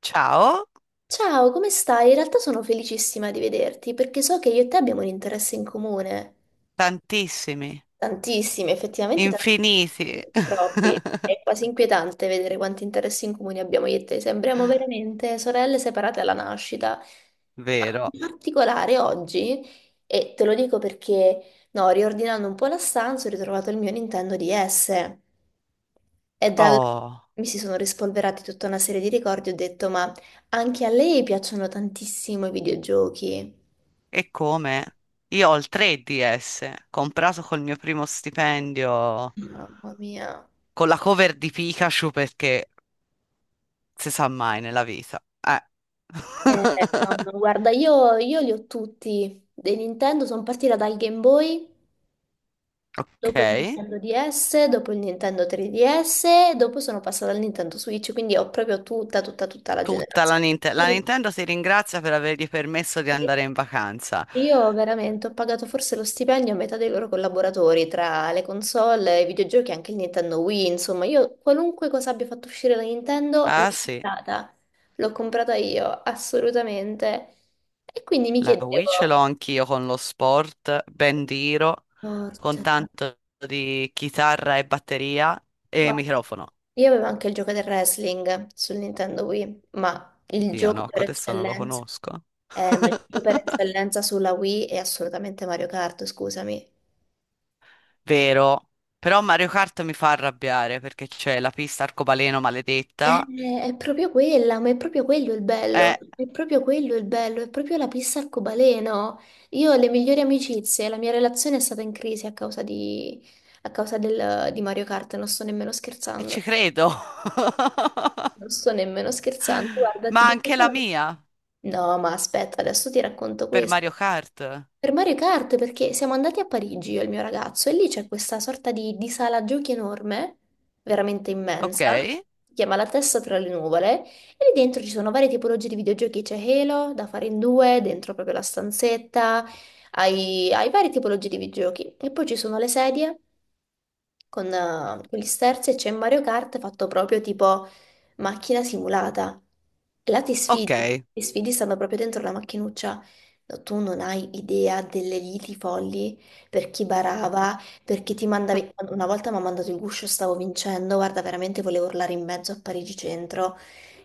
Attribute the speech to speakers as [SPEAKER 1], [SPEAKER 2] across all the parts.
[SPEAKER 1] Ciao,
[SPEAKER 2] Ciao, come stai? In realtà sono felicissima di vederti perché so che io e te abbiamo un interesse in comune.
[SPEAKER 1] tantissimi,
[SPEAKER 2] Tantissimi, effettivamente
[SPEAKER 1] infiniti.
[SPEAKER 2] tantissimi, troppi. È quasi inquietante vedere quanti interessi in comune abbiamo io e te. Sembriamo veramente sorelle separate alla nascita.
[SPEAKER 1] Vero.
[SPEAKER 2] In particolare oggi, e te lo dico perché, no, riordinando un po' la stanza, ho ritrovato il mio Nintendo DS. E dal...
[SPEAKER 1] Oh,
[SPEAKER 2] Mi si sono rispolverati tutta una serie di ricordi. Ho detto, ma anche a lei piacciono tantissimo i videogiochi.
[SPEAKER 1] e come? Io ho il 3DS, comprato col mio primo stipendio,
[SPEAKER 2] Mamma mia.
[SPEAKER 1] con la cover di Pikachu perché si sa mai nella vita.
[SPEAKER 2] Eh, no, no, guarda, io li ho tutti. Dei Nintendo sono partita dal Game Boy.
[SPEAKER 1] Ok.
[SPEAKER 2] Dopo il Nintendo DS, dopo il Nintendo 3DS, dopo sono passata al Nintendo Switch, quindi ho proprio tutta, tutta, tutta la
[SPEAKER 1] Tutta la
[SPEAKER 2] generazione.
[SPEAKER 1] Nintendo. La
[SPEAKER 2] Tutta.
[SPEAKER 1] Nintendo ti ringrazia per avergli permesso di andare in vacanza.
[SPEAKER 2] Io veramente ho pagato forse lo stipendio a metà dei loro collaboratori, tra le console, i videogiochi e anche il Nintendo Wii, insomma, io qualunque cosa abbia fatto uscire la Nintendo
[SPEAKER 1] Ah, sì.
[SPEAKER 2] l'ho comprata io, assolutamente. E quindi mi
[SPEAKER 1] La Wii ce l'ho
[SPEAKER 2] chiedevo,
[SPEAKER 1] anch'io con lo sport, ben diro, con
[SPEAKER 2] porca.
[SPEAKER 1] tanto di chitarra e batteria e
[SPEAKER 2] Guarda,
[SPEAKER 1] microfono.
[SPEAKER 2] io avevo anche il gioco del wrestling sul Nintendo Wii,
[SPEAKER 1] Oddio, no, adesso non lo conosco.
[SPEAKER 2] ma il gioco per eccellenza sulla Wii è assolutamente Mario Kart, scusami.
[SPEAKER 1] Vero. Però Mario Kart mi fa arrabbiare perché c'è la pista arcobaleno maledetta.
[SPEAKER 2] È proprio quella, ma è proprio quello il
[SPEAKER 1] Eh,
[SPEAKER 2] bello, è proprio quello il bello, è proprio la pista arcobaleno. Io ho le migliori amicizie, la mia relazione è stata in crisi a causa di, a causa del- di Mario Kart, non sto nemmeno
[SPEAKER 1] e
[SPEAKER 2] scherzando.
[SPEAKER 1] ci credo.
[SPEAKER 2] Non sto nemmeno scherzando, guarda, ti
[SPEAKER 1] Ma
[SPEAKER 2] dico
[SPEAKER 1] anche la
[SPEAKER 2] solo...
[SPEAKER 1] mia
[SPEAKER 2] No, ma aspetta, adesso ti racconto
[SPEAKER 1] per
[SPEAKER 2] questo.
[SPEAKER 1] Mario Kart.
[SPEAKER 2] Per Mario Kart, perché siamo andati a Parigi io e il mio ragazzo e lì c'è questa sorta di sala giochi enorme, veramente
[SPEAKER 1] Ok,
[SPEAKER 2] immensa, si chiama La testa tra le nuvole, e lì dentro ci sono varie tipologie di videogiochi, c'è Halo da fare in due, dentro proprio la stanzetta, hai varie tipologie di videogiochi e poi ci sono le sedie con gli sterzi e c'è Mario Kart fatto proprio tipo macchina simulata. E là ti sfidi,
[SPEAKER 1] ok.
[SPEAKER 2] ti sfidi stando proprio dentro la macchinuzza. No, tu non hai idea delle liti folli per chi barava, per chi ti mandavi. Una volta mi ha mandato il guscio, stavo vincendo, guarda, veramente volevo urlare in mezzo a Parigi Centro.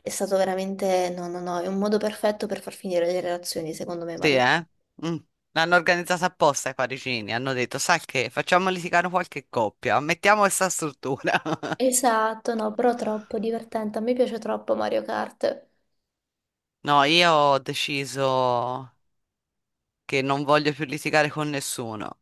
[SPEAKER 2] È stato veramente, no, no, no, è un modo perfetto per far finire le relazioni, secondo me,
[SPEAKER 1] Sì,
[SPEAKER 2] Mario.
[SPEAKER 1] eh? Mm. L'hanno organizzata apposta i parigini. Hanno detto, sai che, facciamo litigare qualche coppia, mettiamo questa struttura.
[SPEAKER 2] Esatto, no, però troppo divertente. A me piace troppo Mario Kart.
[SPEAKER 1] No, io ho deciso che non voglio più litigare con nessuno.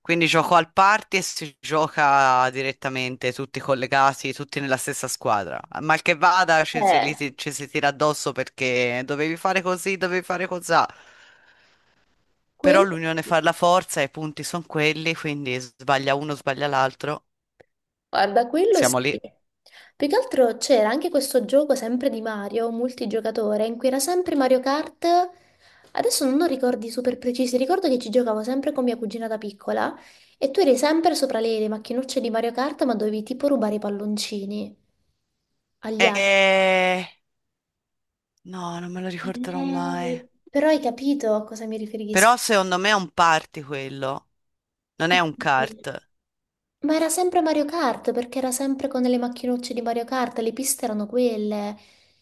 [SPEAKER 1] Quindi gioco al party e si gioca direttamente, tutti collegati, tutti nella stessa squadra. Mal che vada,
[SPEAKER 2] Eh.
[SPEAKER 1] ci si tira addosso perché dovevi fare così, dovevi fare cos'ha. Però
[SPEAKER 2] Quello,
[SPEAKER 1] l'unione fa la forza, i punti sono quelli, quindi sbaglia uno, sbaglia l'altro.
[SPEAKER 2] guarda, quello sì.
[SPEAKER 1] Siamo lì.
[SPEAKER 2] Più che altro c'era anche questo gioco sempre di Mario, multigiocatore, in cui era sempre Mario Kart. Adesso non ho ricordi super precisi, ricordo che ci giocavo sempre con mia cugina da piccola e tu eri sempre sopra le macchinocce di Mario Kart, ma dovevi tipo rubare i palloncini agli altri.
[SPEAKER 1] Eh, no, non me lo ricorderò mai.
[SPEAKER 2] Però hai capito a cosa mi riferisco?
[SPEAKER 1] Però secondo me è un party quello, non è un
[SPEAKER 2] Sì.
[SPEAKER 1] kart.
[SPEAKER 2] Ma era sempre Mario Kart perché era sempre con le macchinucce di Mario Kart, le piste erano quelle.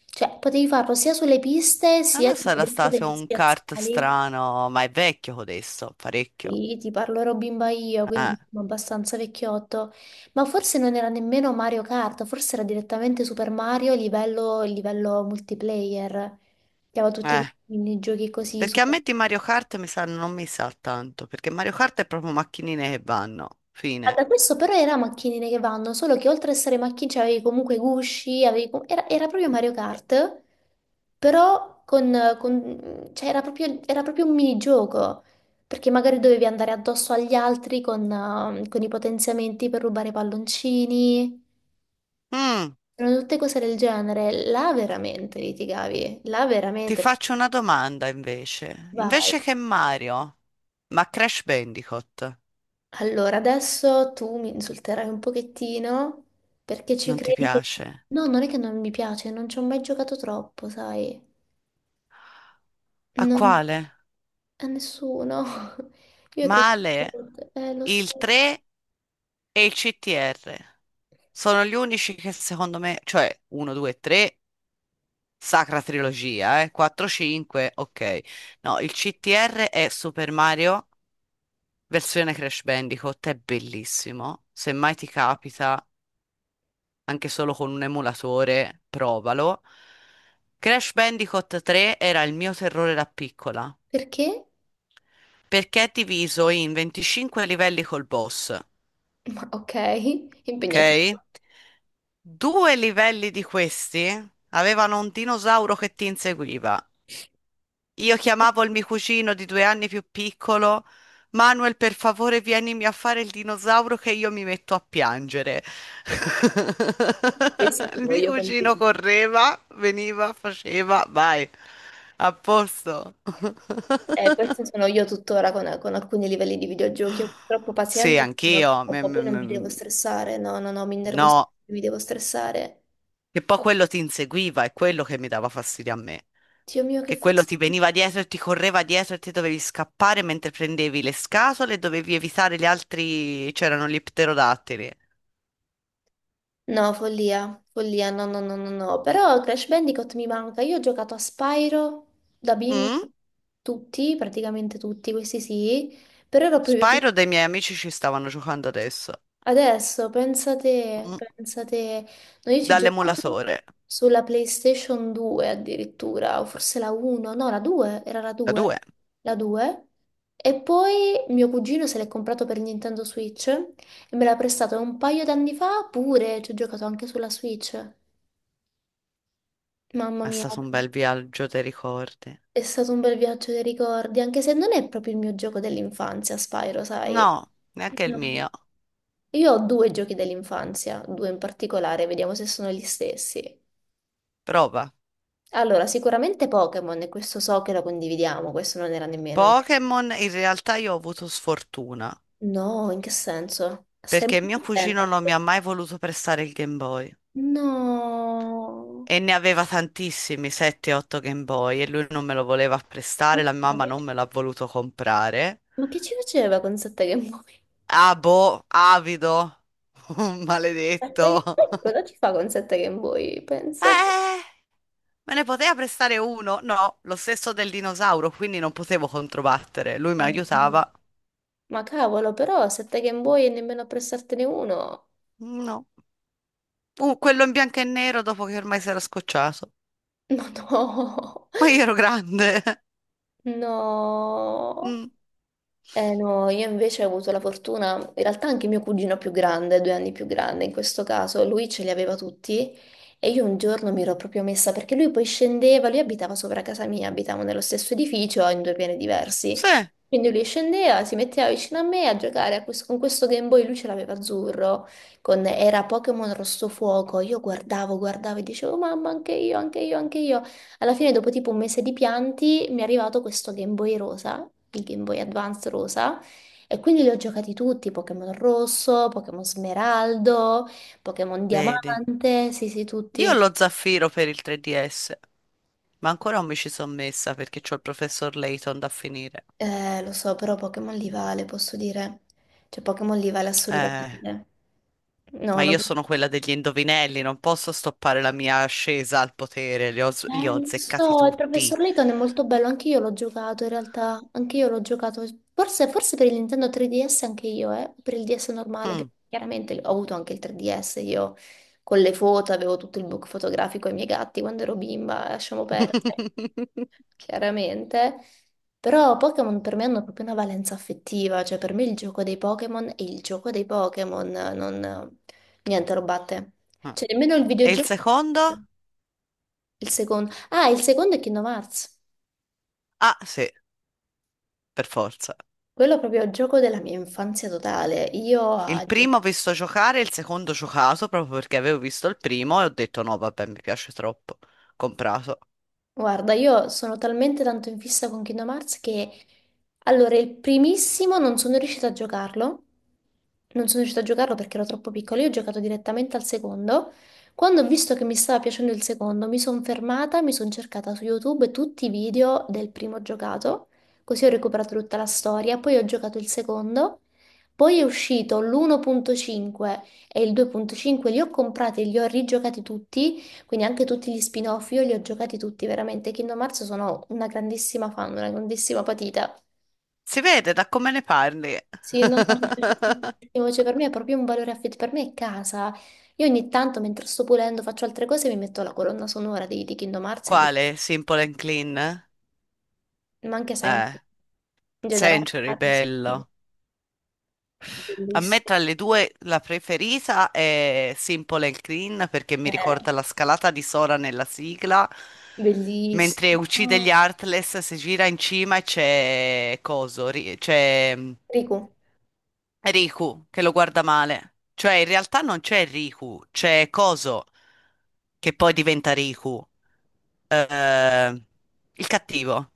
[SPEAKER 2] Cioè, potevi farlo sia sulle piste sia
[SPEAKER 1] Allora
[SPEAKER 2] tipo
[SPEAKER 1] sarà
[SPEAKER 2] dentro
[SPEAKER 1] stato
[SPEAKER 2] degli
[SPEAKER 1] un kart
[SPEAKER 2] spiazzali.
[SPEAKER 1] strano, ma è vecchio codesto, parecchio.
[SPEAKER 2] Sì, ti parlo ero bimba io, quindi
[SPEAKER 1] Eh,
[SPEAKER 2] insomma, abbastanza vecchiotto. Ma forse non era nemmeno Mario Kart, forse era direttamente Super Mario livello multiplayer. Che aveva tutti
[SPEAKER 1] eh.
[SPEAKER 2] i giochi così
[SPEAKER 1] Perché a
[SPEAKER 2] super.
[SPEAKER 1] me di Mario Kart mi sa, non mi sa tanto, perché Mario Kart è proprio macchinine che vanno,
[SPEAKER 2] Ah, da
[SPEAKER 1] fine.
[SPEAKER 2] questo però era macchinine che vanno, solo che oltre a essere macchine, cioè, avevi comunque gusci, era proprio Mario Kart. però con, cioè, era proprio un minigioco, perché magari dovevi andare addosso agli altri con i potenziamenti per rubare i palloncini,
[SPEAKER 1] Mm,
[SPEAKER 2] erano tutte cose del genere. Là veramente litigavi, là
[SPEAKER 1] Ti
[SPEAKER 2] veramente
[SPEAKER 1] faccio una domanda invece.
[SPEAKER 2] vai.
[SPEAKER 1] Invece che Mario, ma Crash Bandicoot
[SPEAKER 2] Allora, adesso tu mi insulterai un pochettino perché ci
[SPEAKER 1] non ti
[SPEAKER 2] credi che...
[SPEAKER 1] piace?
[SPEAKER 2] No, non è che non mi piace, non ci ho mai giocato troppo, sai.
[SPEAKER 1] A
[SPEAKER 2] Non...
[SPEAKER 1] quale?
[SPEAKER 2] A nessuno. Io credo...
[SPEAKER 1] Male,
[SPEAKER 2] Lo so.
[SPEAKER 1] il 3 e il CTR. Sono gli unici che secondo me, cioè 1, 2, 3, sacra trilogia, eh? 4, 5, ok. No, il CTR è Super Mario, versione Crash Bandicoot, è bellissimo. Se mai ti capita, anche solo con un emulatore, provalo. Crash Bandicoot 3 era il mio terrore da piccola,
[SPEAKER 2] Perché?
[SPEAKER 1] perché è diviso in 25 livelli col boss.
[SPEAKER 2] Ok,
[SPEAKER 1] Ok?
[SPEAKER 2] impegnativo.
[SPEAKER 1] Due livelli di questi avevano un dinosauro che ti inseguiva. Io chiamavo il mio cugino di due anni più piccolo, Manuel, per favore, vienimi a fare il dinosauro che io mi metto a piangere.
[SPEAKER 2] Questa
[SPEAKER 1] Il
[SPEAKER 2] sono
[SPEAKER 1] mio
[SPEAKER 2] io con i
[SPEAKER 1] cugino
[SPEAKER 2] video-
[SPEAKER 1] correva, veniva, faceva, vai, a posto.
[SPEAKER 2] Questa sono io tuttora con alcuni livelli di videogiochi. Io purtroppo
[SPEAKER 1] Sì,
[SPEAKER 2] pazienza, ne ho
[SPEAKER 1] anch'io. Mm,
[SPEAKER 2] troppa, poi non
[SPEAKER 1] mm,
[SPEAKER 2] mi devo
[SPEAKER 1] mm.
[SPEAKER 2] stressare. No, no, no, mi innervosisco,
[SPEAKER 1] No,
[SPEAKER 2] mi devo stressare.
[SPEAKER 1] che poi quello ti inseguiva, è quello che mi dava fastidio a me.
[SPEAKER 2] Dio mio, che
[SPEAKER 1] Che quello ti
[SPEAKER 2] fastidio.
[SPEAKER 1] veniva dietro e ti correva dietro e te dovevi scappare mentre prendevi le scatole e dovevi evitare gli altri. C'erano gli pterodattili.
[SPEAKER 2] No, follia, follia, no, no, no, no, no. Però Crash Bandicoot mi manca. Io ho giocato a Spyro da bimba,
[SPEAKER 1] Mm?
[SPEAKER 2] tutti, praticamente tutti, questi sì. Però ero proprio
[SPEAKER 1] Spyro dei miei amici ci stavano giocando adesso.
[SPEAKER 2] Adesso, pensate,
[SPEAKER 1] Mm.
[SPEAKER 2] pensate, noi ci giocavamo
[SPEAKER 1] Dall'emulatore.
[SPEAKER 2] sulla PlayStation 2 addirittura, o forse la 1, no, la 2, era la
[SPEAKER 1] Da
[SPEAKER 2] 2,
[SPEAKER 1] due.
[SPEAKER 2] la 2. E poi mio cugino se l'è comprato per Nintendo Switch e me l'ha prestato un paio d'anni fa pure, ci ho giocato anche sulla Switch. Mamma
[SPEAKER 1] È
[SPEAKER 2] mia,
[SPEAKER 1] stato un bel viaggio, te ricordi?
[SPEAKER 2] è stato un bel viaggio dei ricordi, anche se non è proprio il mio gioco dell'infanzia, Spyro, sai?
[SPEAKER 1] No, neanche il
[SPEAKER 2] No.
[SPEAKER 1] mio.
[SPEAKER 2] Io ho due giochi dell'infanzia, due in particolare, vediamo se sono gli stessi.
[SPEAKER 1] Prova.
[SPEAKER 2] Allora, sicuramente Pokémon, e questo so che lo condividiamo, questo non era nemmeno...
[SPEAKER 1] Pokémon, in realtà io ho avuto sfortuna,
[SPEAKER 2] No, in che senso? Stai
[SPEAKER 1] perché mio
[SPEAKER 2] molto
[SPEAKER 1] cugino
[SPEAKER 2] attenta.
[SPEAKER 1] non mi ha mai voluto prestare il Game Boy.
[SPEAKER 2] No.
[SPEAKER 1] E ne aveva tantissimi, 7-8 Game Boy, e lui non me lo voleva prestare, la mia
[SPEAKER 2] Ma
[SPEAKER 1] mamma
[SPEAKER 2] che,
[SPEAKER 1] non me l'ha voluto comprare.
[SPEAKER 2] ma che ci faceva con sette Game Boy?
[SPEAKER 1] Ah, boh, avido,
[SPEAKER 2] Sette Game
[SPEAKER 1] maledetto.
[SPEAKER 2] Boy? Cosa ci fa con sette Game Boy? Pensate.
[SPEAKER 1] Eh, me ne poteva prestare uno? No, lo stesso del dinosauro, quindi non potevo controbattere. Lui mi
[SPEAKER 2] No.
[SPEAKER 1] aiutava.
[SPEAKER 2] Ma cavolo, però sette Game Boy e nemmeno a prestartene uno.
[SPEAKER 1] No. Quello in bianco e nero dopo che ormai si era scocciato.
[SPEAKER 2] Ma no.
[SPEAKER 1] Ma io ero grande.
[SPEAKER 2] No.
[SPEAKER 1] Mm,
[SPEAKER 2] Eh no, io invece ho avuto la fortuna, in realtà anche mio cugino più grande, 2 anni più grande in questo caso, lui ce li aveva tutti e io un giorno mi ero proprio messa perché lui poi scendeva, lui abitava sopra casa mia, abitavamo nello stesso edificio in due piani diversi
[SPEAKER 1] sì,
[SPEAKER 2] quindi lui scendeva, si metteva vicino a me a giocare a con questo Game Boy, lui ce l'aveva azzurro, era Pokémon Rosso Fuoco, io guardavo e dicevo mamma anche io, anche io, anche io. Alla fine dopo tipo un mese di pianti mi è arrivato questo Game Boy rosa, il Game Boy Advance rosa, e quindi li ho giocati tutti, Pokémon Rosso, Pokémon Smeraldo, Pokémon
[SPEAKER 1] vedi.
[SPEAKER 2] Diamante, sì sì
[SPEAKER 1] Io ho
[SPEAKER 2] tutti.
[SPEAKER 1] lo zaffiro per il 3DS. Ma ancora non mi ci sono messa perché c'ho il professor Layton da finire.
[SPEAKER 2] Lo so, però Pokémon li vale, posso dire. Cioè, Pokémon li vale
[SPEAKER 1] Eh,
[SPEAKER 2] assolutamente. No,
[SPEAKER 1] ma
[SPEAKER 2] non...
[SPEAKER 1] io sono quella degli indovinelli, non posso stoppare la mia ascesa al potere, li ho
[SPEAKER 2] Lo
[SPEAKER 1] azzeccati
[SPEAKER 2] so, il
[SPEAKER 1] tutti.
[SPEAKER 2] professor Layton è molto bello, anche io l'ho giocato, forse per il Nintendo 3DS anche io, per il DS normale,
[SPEAKER 1] Mm.
[SPEAKER 2] perché chiaramente ho avuto anche il 3DS, io con le foto avevo tutto il book fotografico ai miei gatti quando ero bimba, lasciamo perdere. Chiaramente. Però Pokémon per me hanno proprio una valenza affettiva, cioè per me il gioco dei Pokémon è il gioco dei Pokémon, non... niente lo batte.
[SPEAKER 1] Ah.
[SPEAKER 2] Cioè nemmeno il
[SPEAKER 1] E il
[SPEAKER 2] videogioco,
[SPEAKER 1] secondo?
[SPEAKER 2] il secondo. Ah, il secondo è Kingdom Hearts,
[SPEAKER 1] Ah, sì, per forza.
[SPEAKER 2] quello è proprio il gioco della mia infanzia totale. Io a
[SPEAKER 1] Il primo ho visto giocare, il secondo ho giocato proprio perché avevo visto il primo e ho detto no, vabbè, mi piace troppo. Comprato.
[SPEAKER 2] Guarda, io sono talmente tanto in fissa con Kingdom Hearts che allora il primissimo non sono riuscita a giocarlo, non sono riuscita a giocarlo perché ero troppo piccola, io ho giocato direttamente al secondo. Quando ho visto che mi stava piacendo il secondo, mi sono fermata, mi sono cercata su YouTube tutti i video del primo giocato, così ho recuperato tutta la storia, poi ho giocato il secondo, poi è uscito l'1.5 e il 2.5, li ho comprati e li ho rigiocati tutti quindi anche tutti gli spin-off, io li ho giocati tutti, veramente. Kingdom Hearts sono una grandissima fan, una grandissima patita.
[SPEAKER 1] Si vede da come ne parli.
[SPEAKER 2] Sì, no, no, mi piace tantissimo, cioè per me è proprio un valore affettivo, per me è casa. Io ogni tanto, mentre sto pulendo, faccio altre cose, mi metto la colonna sonora di Kingdom Hearts, e di...
[SPEAKER 1] Quale? Simple and Clean?
[SPEAKER 2] ma anche
[SPEAKER 1] Eh.
[SPEAKER 2] sempre, in generale.
[SPEAKER 1] Century,
[SPEAKER 2] Sì.
[SPEAKER 1] bello. A me
[SPEAKER 2] Bellissimo.
[SPEAKER 1] tra le due la preferita è Simple and Clean perché mi
[SPEAKER 2] Eh,
[SPEAKER 1] ricorda la scalata di Sora nella sigla, mentre uccide gli
[SPEAKER 2] Bellissimo.
[SPEAKER 1] Heartless, si gira in cima e c'è Coso, c'è
[SPEAKER 2] Riku,
[SPEAKER 1] Riku che lo guarda male. Cioè in realtà non c'è Riku, c'è Coso che poi diventa Riku, eh, il cattivo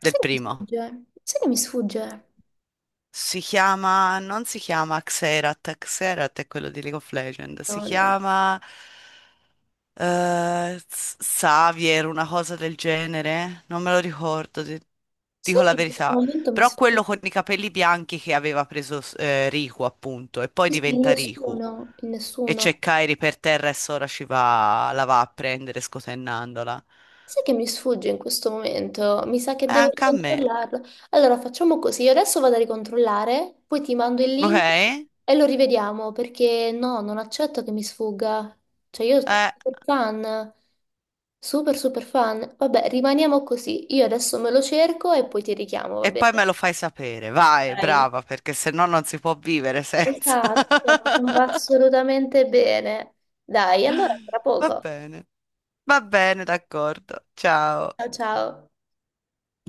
[SPEAKER 1] del
[SPEAKER 2] sai che mi
[SPEAKER 1] primo.
[SPEAKER 2] sfugge? Sai che mi sfugge?
[SPEAKER 1] Si chiama, non si chiama Xerath, Xerath è quello di League of Legends, si
[SPEAKER 2] No, no.
[SPEAKER 1] chiama Xavier, una cosa del genere, non me lo ricordo,
[SPEAKER 2] Sai
[SPEAKER 1] dico la
[SPEAKER 2] che in questo
[SPEAKER 1] verità,
[SPEAKER 2] momento mi
[SPEAKER 1] però
[SPEAKER 2] sfugge?
[SPEAKER 1] quello con i capelli bianchi che aveva preso Riku appunto e poi
[SPEAKER 2] Sì, sì,
[SPEAKER 1] diventa Riku
[SPEAKER 2] nessuno, in
[SPEAKER 1] e
[SPEAKER 2] nessuno.
[SPEAKER 1] c'è Kairi per terra e Sora ci va, la va a prendere scotennandola.
[SPEAKER 2] Sai che mi sfugge in questo momento? Mi sa che devo
[SPEAKER 1] Anche a me,
[SPEAKER 2] ricontrollarlo. Allora facciamo così, io adesso vado a ricontrollare, poi ti mando il link
[SPEAKER 1] ok?
[SPEAKER 2] e lo rivediamo perché no, non accetto che mi sfugga. Cioè io sono
[SPEAKER 1] Eh.
[SPEAKER 2] super fan, super super fan. Vabbè, rimaniamo così. Io adesso me lo cerco e poi ti richiamo, va
[SPEAKER 1] E
[SPEAKER 2] bene?
[SPEAKER 1] poi me lo fai sapere, vai,
[SPEAKER 2] Dai.
[SPEAKER 1] brava, perché se no non si può vivere senza.
[SPEAKER 2] Esatto, no, non va assolutamente bene. Dai, allora tra
[SPEAKER 1] Va
[SPEAKER 2] poco.
[SPEAKER 1] bene, va bene, d'accordo. Ciao.
[SPEAKER 2] Ciao ciao.